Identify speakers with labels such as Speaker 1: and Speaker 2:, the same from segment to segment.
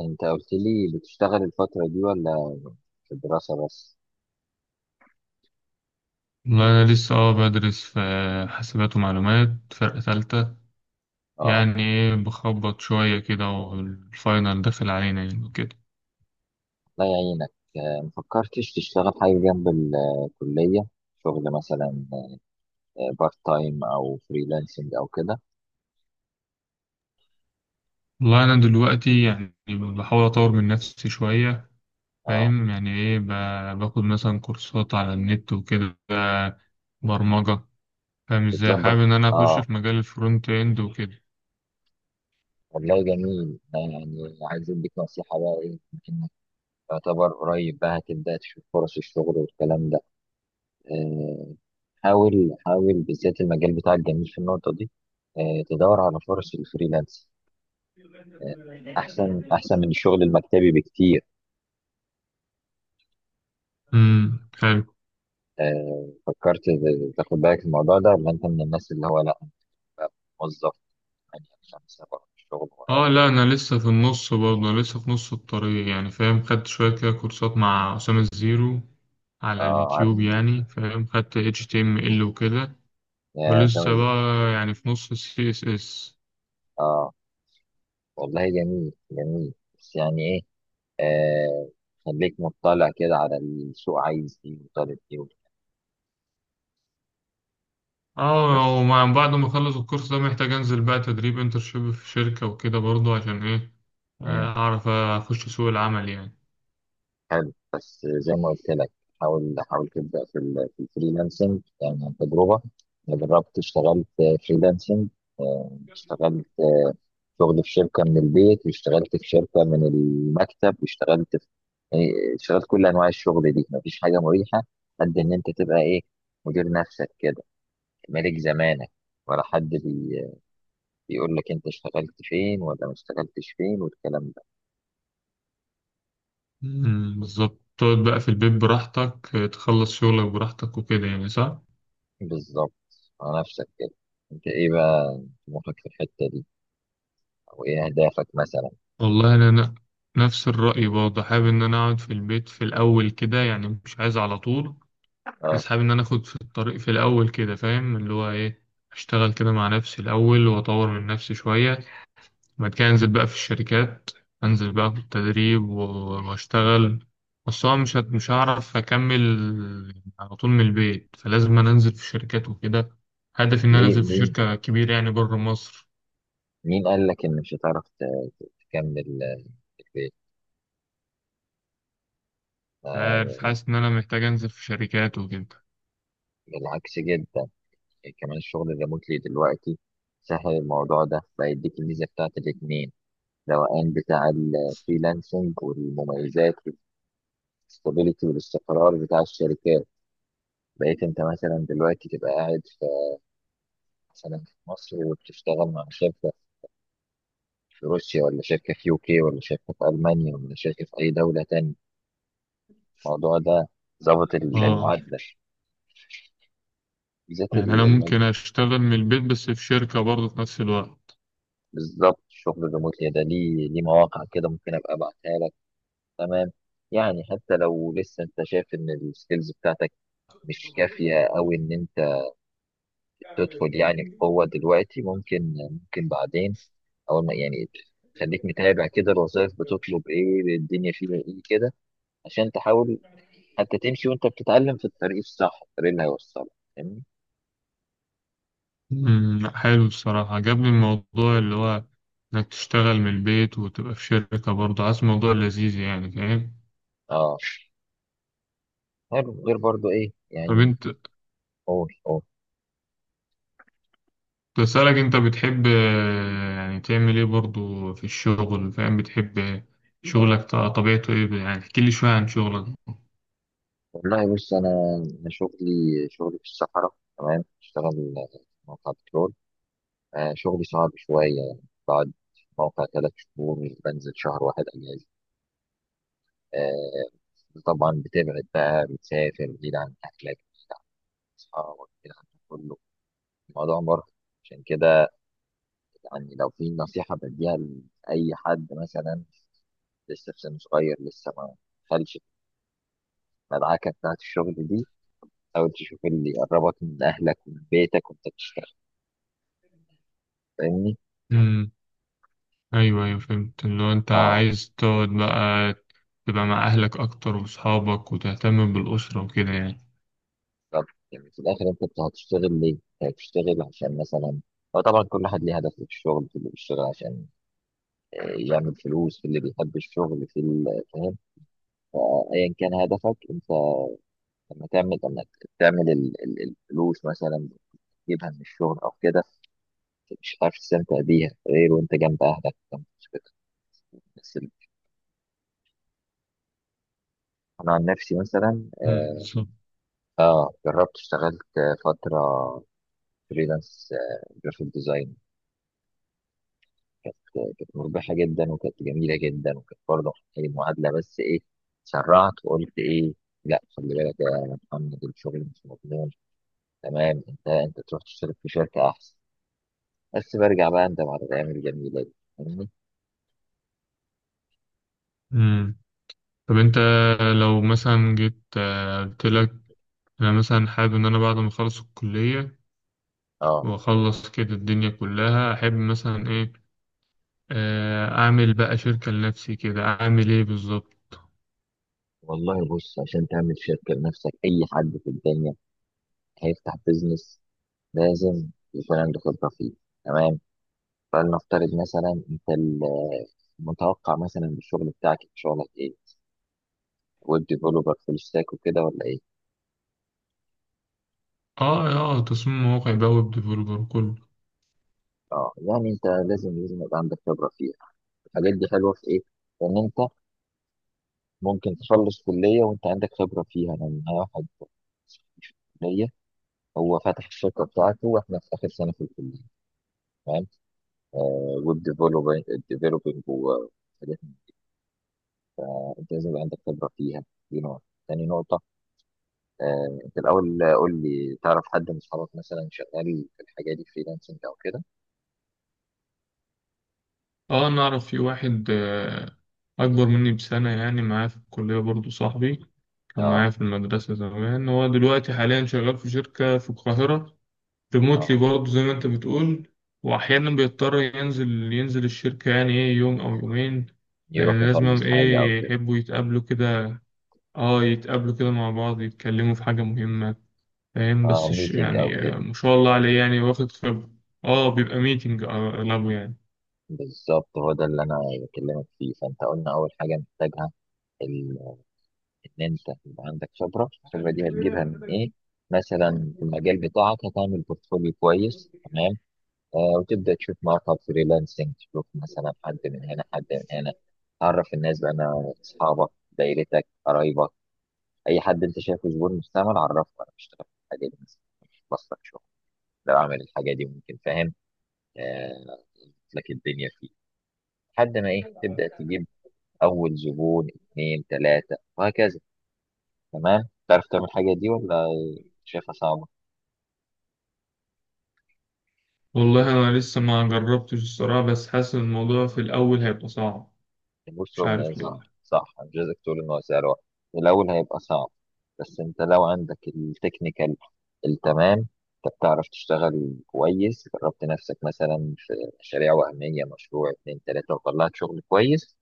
Speaker 1: انت قلت لي بتشتغل الفترة دي ولا في الدراسة بس.
Speaker 2: والله أنا لسه بدرس في حاسبات ومعلومات، فرقة تالتة.
Speaker 1: اه،
Speaker 2: يعني إيه، بخبط شوية كده، والفاينل داخل علينا يعني وكده.
Speaker 1: الله يعينك. آه، مفكرتش تشتغل حاجة جنب الكلية؟ شغل مثلا بارت تايم او فريلانسنج او كده؟
Speaker 2: والله أنا دلوقتي يعني بحاول أطور من نفسي شوية.
Speaker 1: اه،
Speaker 2: فاهم يعني إيه، باخد مثلا كورسات على النت وكده، برمجة. فاهم إزاي،
Speaker 1: بتظبط.
Speaker 2: حابب إن أنا أخش
Speaker 1: اه،
Speaker 2: في مجال الفرونت إند وكده.
Speaker 1: والله جميل. أنا يعني عايز اديك نصيحة بقى، ايه انك تعتبر قريب بقى هتبدأ تشوف فرص الشغل والكلام ده. آه، حاول بالذات المجال بتاعك جميل في النقطة دي. آه، تدور على فرص الفريلانس، احسن من الشغل المكتبي بكتير.
Speaker 2: حلو.
Speaker 1: آه، فكرت تاخد بالك من الموضوع ده ولا انت من الناس اللي هو لا أنا بقى موظف يعني خمسة بروح الشغل
Speaker 2: اه
Speaker 1: واروح؟
Speaker 2: لا، انا لسه
Speaker 1: خلاص.
Speaker 2: في النص، برضه انا لسه في نص الطريق يعني، فاهم، خدت شويه كده كورسات مع اسامه الزيرو على
Speaker 1: اه عارف
Speaker 2: اليوتيوب يعني، فاهم، خدت HTML وكده،
Speaker 1: يا أسامة
Speaker 2: ولسه
Speaker 1: إز-
Speaker 2: بقى يعني في نص ال CSS.
Speaker 1: اه والله جميل، بس يعني ايه، آه، خليك مطلع كده على السوق عايز ايه وطالب ايه وكده.
Speaker 2: اه،
Speaker 1: بس
Speaker 2: ومع بعد ما اخلص الكورس ده محتاج انزل بقى تدريب، انترشيب في شركه وكده برضه عشان ايه، اعرف اخش سوق العمل يعني.
Speaker 1: حلو، بس زي ما قلت لك، حاول تبدأ في ال في الفريلانسنج. يعني عن تجربة، أنا جربت اشتغلت فريلانسنج. آه، اشتغلت شغل في شركة من البيت، واشتغلت في شركة من المكتب، واشتغلت في، يعني، اشتغلت كل أنواع الشغل دي. مفيش حاجة مريحة قد إن أنت تبقى إيه، مدير نفسك كده، ملك زمانك، ولا حد بيقول لك أنت اشتغلت فين ولا ما اشتغلتش فين والكلام ده.
Speaker 2: بالظبط، تقعد بقى في البيت براحتك، تخلص شغلك براحتك وكده يعني، صح.
Speaker 1: بالظبط، على نفسك كده. انت ايه بقى طموحك في الحتة دي، او ايه اهدافك مثلا؟
Speaker 2: والله انا نفس الرأي برضه، حابب ان انا اقعد في البيت في الاول كده يعني، مش عايز على طول.
Speaker 1: اه،
Speaker 2: بس حابب ان انا اخد في الطريق في الاول كده، فاهم، اللي هو ايه، اشتغل كده مع نفسي الاول واطور من نفسي شوية، بعد كده انزل بقى في الشركات، انزل بقى في التدريب واشتغل. بس هو مش مش هعرف اكمل على طول من البيت، فلازم انا انزل في الشركات وكده. هدفي ان انا
Speaker 1: ليه؟
Speaker 2: انزل في
Speaker 1: مين،
Speaker 2: شركة كبيرة يعني بره مصر.
Speaker 1: مين قال لك ان مش هتعرف تكمل آه، في البيت؟
Speaker 2: مش عارف،
Speaker 1: آه،
Speaker 2: حاسس ان انا محتاج انزل في شركات وكده.
Speaker 1: بالعكس جدا. يعني كمان الشغل الريموتلي دلوقتي سهل. الموضوع ده بيديك الميزة بتاعت الاتنين، الروقان بتاع الفريلانسنج والمميزات، والستابيليتي والاستقرار بتاع الشركات. بقيت انت مثلا دلوقتي تبقى قاعد في، مثلا في مصر، وبتشتغل مع شركة في روسيا، ولا شركة في يوكي، ولا شركة في ألمانيا، ولا شركة في أي دولة تاني. الموضوع ده ظابط
Speaker 2: اه،
Speaker 1: المعادلة، بالذات
Speaker 2: يعني أنا ممكن أشتغل من البيت بس في شركة برضه في نفس الوقت.
Speaker 1: بالظبط. الشغل الريموتلي ده ليه، ليه مواقع كده ممكن أبقى أبعتها لك. تمام، يعني حتى لو لسه أنت شايف إن السكيلز بتاعتك مش كافية، أو إن أنت تدخل يعني بقوة دلوقتي، ممكن، ممكن بعدين، أول ما يعني، خليك متابع كده الوظائف بتطلب إيه، الدنيا فيها إيه كده، عشان تحاول انت تمشي وانت بتتعلم في الطريق الصح، الطريق اللي هيوصلك. فاهمني؟
Speaker 2: لأ، حلو الصراحة، عجبني الموضوع اللي هو إنك تشتغل من البيت وتبقى في شركة برضه، عايز موضوع لذيذ يعني، فاهم.
Speaker 1: اه، حلو. غير برضو ايه
Speaker 2: طب
Speaker 1: يعني؟
Speaker 2: أنت
Speaker 1: قول.
Speaker 2: بسألك، أنت بتحب يعني تعمل إيه برضه في الشغل، فاهم، بتحب شغلك، طبيعته إيه يعني، احكي لي شوية عن شغلك.
Speaker 1: والله بص، انا شغلي، شغلي في الصحراء. تمام، بشتغل في موقع بترول. آه، شغلي صعب شويه يعني. بقعد في موقع ثلاث شهور، مش بنزل شهر واحد اجازه. آه، طبعا بتبعد بقى، بتسافر بعيد عن اهلك، بعيد عن اصحابك، بعيد عن كله. الموضوع مرهق. عشان كده، يعني لو في نصيحه بديها لاي حد مثلا لسه في سن صغير، لسه ما دخلش في المدعكه بتاعت الشغل دي، حاول تشوف اللي يقربك من اهلك ومن بيتك وانت بتشتغل. فاهمني؟
Speaker 2: أمم، أيوه أيوه، فهمت، اللي هو أنت
Speaker 1: اه،
Speaker 2: عايز تقعد بقى تبقى مع أهلك أكتر وأصحابك وتهتم بالأسرة وكده يعني.
Speaker 1: طب يعني في الاخر انت هتشتغل ليه؟ أنت هتشتغل عشان مثلا، هو طبعا كل واحد ليه هدف في الشغل، في اللي بيشتغل عشان آه، يعمل فلوس، في اللي بيحب الشغل في فاهم؟ فايا كان هدفك انت لما تعمل، لما تعمل الفلوس مثلا، تجيبها من الشغل او كده، مش عارف تستمتع بيها غير وانت جنب اهلك، جنب أسرتك. بس انا عن نفسي مثلا
Speaker 2: مم.
Speaker 1: اه، آه، جربت اشتغلت آه، فتره فريلانس جرافيك ديزاين. كانت مربحه جدا، وكانت جميله جدا، وكانت برضه محتاجه معادله، بس ايه، سرعت وقلت ايه، لا خلي بالك يا محمد الشغل مش مضمون، تمام، انت تروح تشتغل في شركه احسن. بس برجع بقى اندم على الايام الجميله دي. فاهمني؟
Speaker 2: مم. طب انت لو مثلا جيت قلت لك انا مثلا حابب ان انا بعد ما اخلص الكلية
Speaker 1: اه،
Speaker 2: واخلص كده الدنيا كلها، احب مثلا ايه، اعمل بقى شركة لنفسي كده، اعمل ايه بالظبط.
Speaker 1: والله بص، عشان تعمل شركه لنفسك، اي حد في الدنيا هيفتح بيزنس لازم يكون عنده خبره فيه. تمام، فلنفترض مثلا انت، المتوقع مثلا الشغل بتاعك، شغلك ايه، ويب ديفلوبر فول ستاك وكده ولا ايه؟
Speaker 2: اه. اه، تصميم مواقع بقى، ويب ديفلوبر كله.
Speaker 1: اه، يعني انت لازم يبقى عندك خبره فيها. الحاجات دي حلوه في ايه، ان انت ممكن تخلص كليه وانت عندك خبره فيها. يعني انا معايا واحد في الكليه، هو فاتح الشركه بتاعته واحنا في اخر سنه في الكليه، فاهم؟ آه، ويب ديفلوبينج، ديفلوبينج وحاجات. انت لازم يبقى عندك خبره فيها، دي نقطه. تاني نقطه، آه، انت الاول قول لي، تعرف حد من اصحابك مثلا شغال في الحاجه دي، فريلانسنج او كده؟
Speaker 2: اه انا اعرف في واحد اكبر مني بسنة يعني، معايا في الكلية برضو، صاحبي كان
Speaker 1: اه،
Speaker 2: معايا في المدرسة زمان، هو دلوقتي حاليا شغال في شركة في القاهرة،
Speaker 1: اه
Speaker 2: ريموتلي برضه زي ما انت بتقول. واحيانا بيضطر ينزل ينزل الشركة يعني، ايه، يوم او يومين،
Speaker 1: يروح
Speaker 2: لان لازم
Speaker 1: يخلص حاجه او
Speaker 2: ايه
Speaker 1: كده.
Speaker 2: يحبوا يتقابلوا كده. اه يتقابلوا كده مع بعض، يتكلموا في حاجة مهمة فاهم.
Speaker 1: اه،
Speaker 2: بس
Speaker 1: ميتنج او
Speaker 2: يعني
Speaker 1: كده.
Speaker 2: ما شاء الله عليه يعني، واخد خبرة. اه بيبقى ميتنج اغلبه يعني.
Speaker 1: بالظبط، هو ده اللي انا بكلمك فيه. فانت قلنا اول حاجه محتاجها ال- ان انت يبقى عندك خبره. الخبره دي هتجيبها من ايه؟ مثلا في المجال بتاعك هتعمل بورتفوليو كويس. تمام، آه، وتبدا تشوف مواقع فريلانسنج، تشوف مثلا حد من هنا، حد من هنا. تعرف الناس بقى، انا اصحابك، دايرتك، قرايبك، اي حد انت شايفه زبون مستعمل، عرفه انا بشتغل في الحاجه دي مثلا. مش بصلك شغل لو اعمل الحاجه دي؟ ممكن. فاهم؟ آه، لك الدنيا فيه، لحد ما ايه، تبدا تجيب اول زبون، اثنين، ثلاثه، وهكذا. تمام، تعرف تعمل الحاجه دي ولا شايفها صعبه؟
Speaker 2: والله انا لسه ما جربتش الصراحة، بس حاسس إن الموضوع في الاول هيبقى صعب،
Speaker 1: بص،
Speaker 2: مش
Speaker 1: هو يعني
Speaker 2: عارف ليه.
Speaker 1: صح، صح، مش عايزك تقول ان هو سعر واحد. في الاول هيبقى صعب، بس انت لو عندك التكنيكال التمام، انت بتعرف تشتغل كويس، جربت نفسك مثلا في مشاريع وهميه، مشروع اتنين تلاته، وطلعت شغل كويس،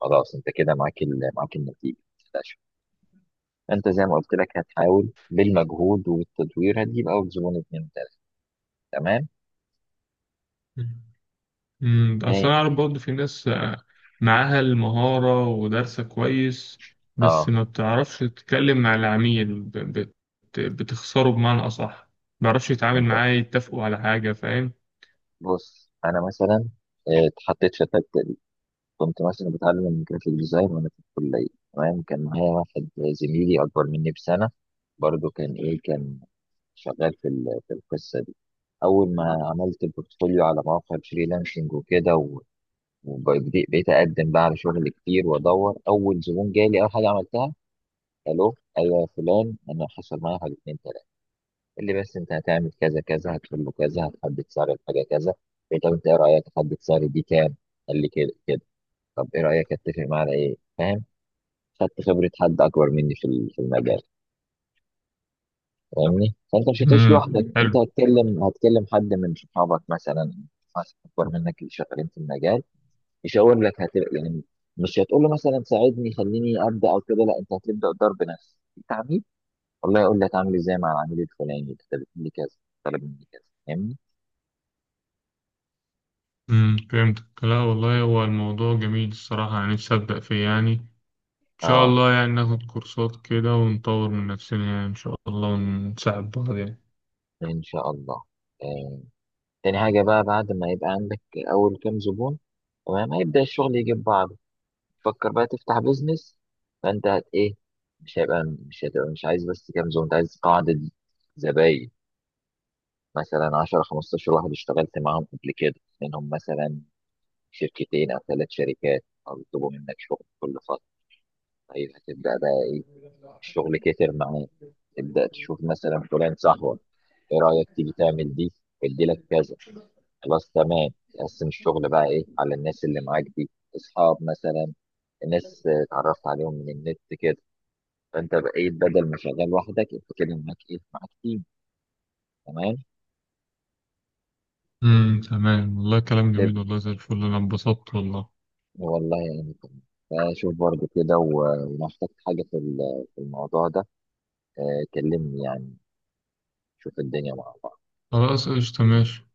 Speaker 1: خلاص، انت كده معاك معاك النتيجه، ما تقلقش. انت زي ما قلت لك، هتحاول بالمجهود والتدوير هتجيب اول زبون اتنين تلاته. تمام، هي
Speaker 2: اصل انا اعرف برضه في ناس معاها المهارة ودارسة كويس، بس
Speaker 1: اه،
Speaker 2: ما بتعرفش تتكلم مع العميل بتخسره بمعنى اصح، ما بيعرفش يتعامل
Speaker 1: انت
Speaker 2: معاه يتفقوا على حاجة، فاهم.
Speaker 1: بص انا مثلا آه، اتحطيت في، كنت مثلا بتعلم جرافيك ديزاين وانا في الكليه. تمام، كان معايا واحد زميلي اكبر مني بسنه، برضه كان ايه، كان شغال في في القصه دي. اول ما عملت البورتفوليو على مواقع الفريلانسنج وكده وبقيت بقيت اقدم بقى على شغل كتير، وادور. اول زبون جالي اول حاجه عملتها، الو ايوه يا فلان، انا حصل معايا حاجه اتنين تلاته، قال لي بس انت هتعمل كذا كذا، هتقول له كذا، هتحدد سعر الحاجه كذا. قلت له طب انت ايه رايك احدد سعر دي كام؟ قال لي كده كده. طب ايه رايك اتفق معاه على ايه؟ فاهم؟ خدت خبرة حد أكبر مني في في المجال. فاهمني؟ فأنت مش هتعيش لوحدك. مم، أنت
Speaker 2: حلو.
Speaker 1: هتكلم حد من صحابك مثلا، ناس أكبر منك اللي شغالين في المجال، يشاور لك. يعني مش هتقول له مثلا ساعدني خليني أبدأ أو كده، لا، أنت هتبدأ الدور بنفسك. أنت عميل، والله يقول لك عامل إزاي مع العميل الفلاني، ده طلب مني كذا، طلب مني كذا. فاهمني؟
Speaker 2: فهمتك، لا والله هو الموضوع جميل الصراحة يعني، نفسي أبدأ فيه يعني، إن شاء
Speaker 1: أه،
Speaker 2: الله يعني، ناخد كورسات كده ونطور من نفسنا يعني إن شاء الله ونساعد بعض يعني.
Speaker 1: إن شاء الله. آه. تاني حاجة بقى، بعد ما يبقى عندك أول كام زبون، تمام، هيبدأ الشغل يجيب بعض، تفكر بقى تفتح بيزنس. فانت هت ايه، مش هيبقى مش هتبقى مش عايز بس كام زبون، انت عايز قاعدة زباين، مثلا 10 15 واحد اشتغلت معاهم قبل كده، منهم مثلا شركتين او ثلاث شركات، او يطلبوا منك شغل كل فترة. طيب هتبدأ بقى ايه، الشغل كتر معاه، تبدأ تشوف مثلا فلان صاحبك، ايه رأيك تيجي تعمل دي، ادي لك كذا. خلاص، تمام، تقسم الشغل بقى ايه على الناس اللي معاك دي، اصحاب مثلا، الناس اتعرفت عليهم من النت كده. فانت بقيت بدل ما شغال لوحدك، انت كده معاك ايه، معاك تيم. تمام،
Speaker 2: تمام، والله كلام جميل
Speaker 1: تب-
Speaker 2: والله، زي الفل، أنا انبسطت والله.
Speaker 1: والله يعني تمام. فشوف برضه كده ولو احتجت حاجة في في الموضوع ده، آه، كلمني. يعني شوف الدنيا مع بعض.
Speaker 2: خلاص قشطة، ماشي.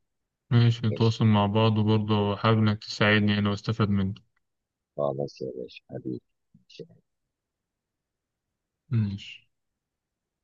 Speaker 2: ماشي،
Speaker 1: ماشي،
Speaker 2: نتواصل مع بعض، وبرضه حابب إنك تساعدني يعني واستفاد منك.
Speaker 1: خلاص يا باشا حبيبي.
Speaker 2: ماشي.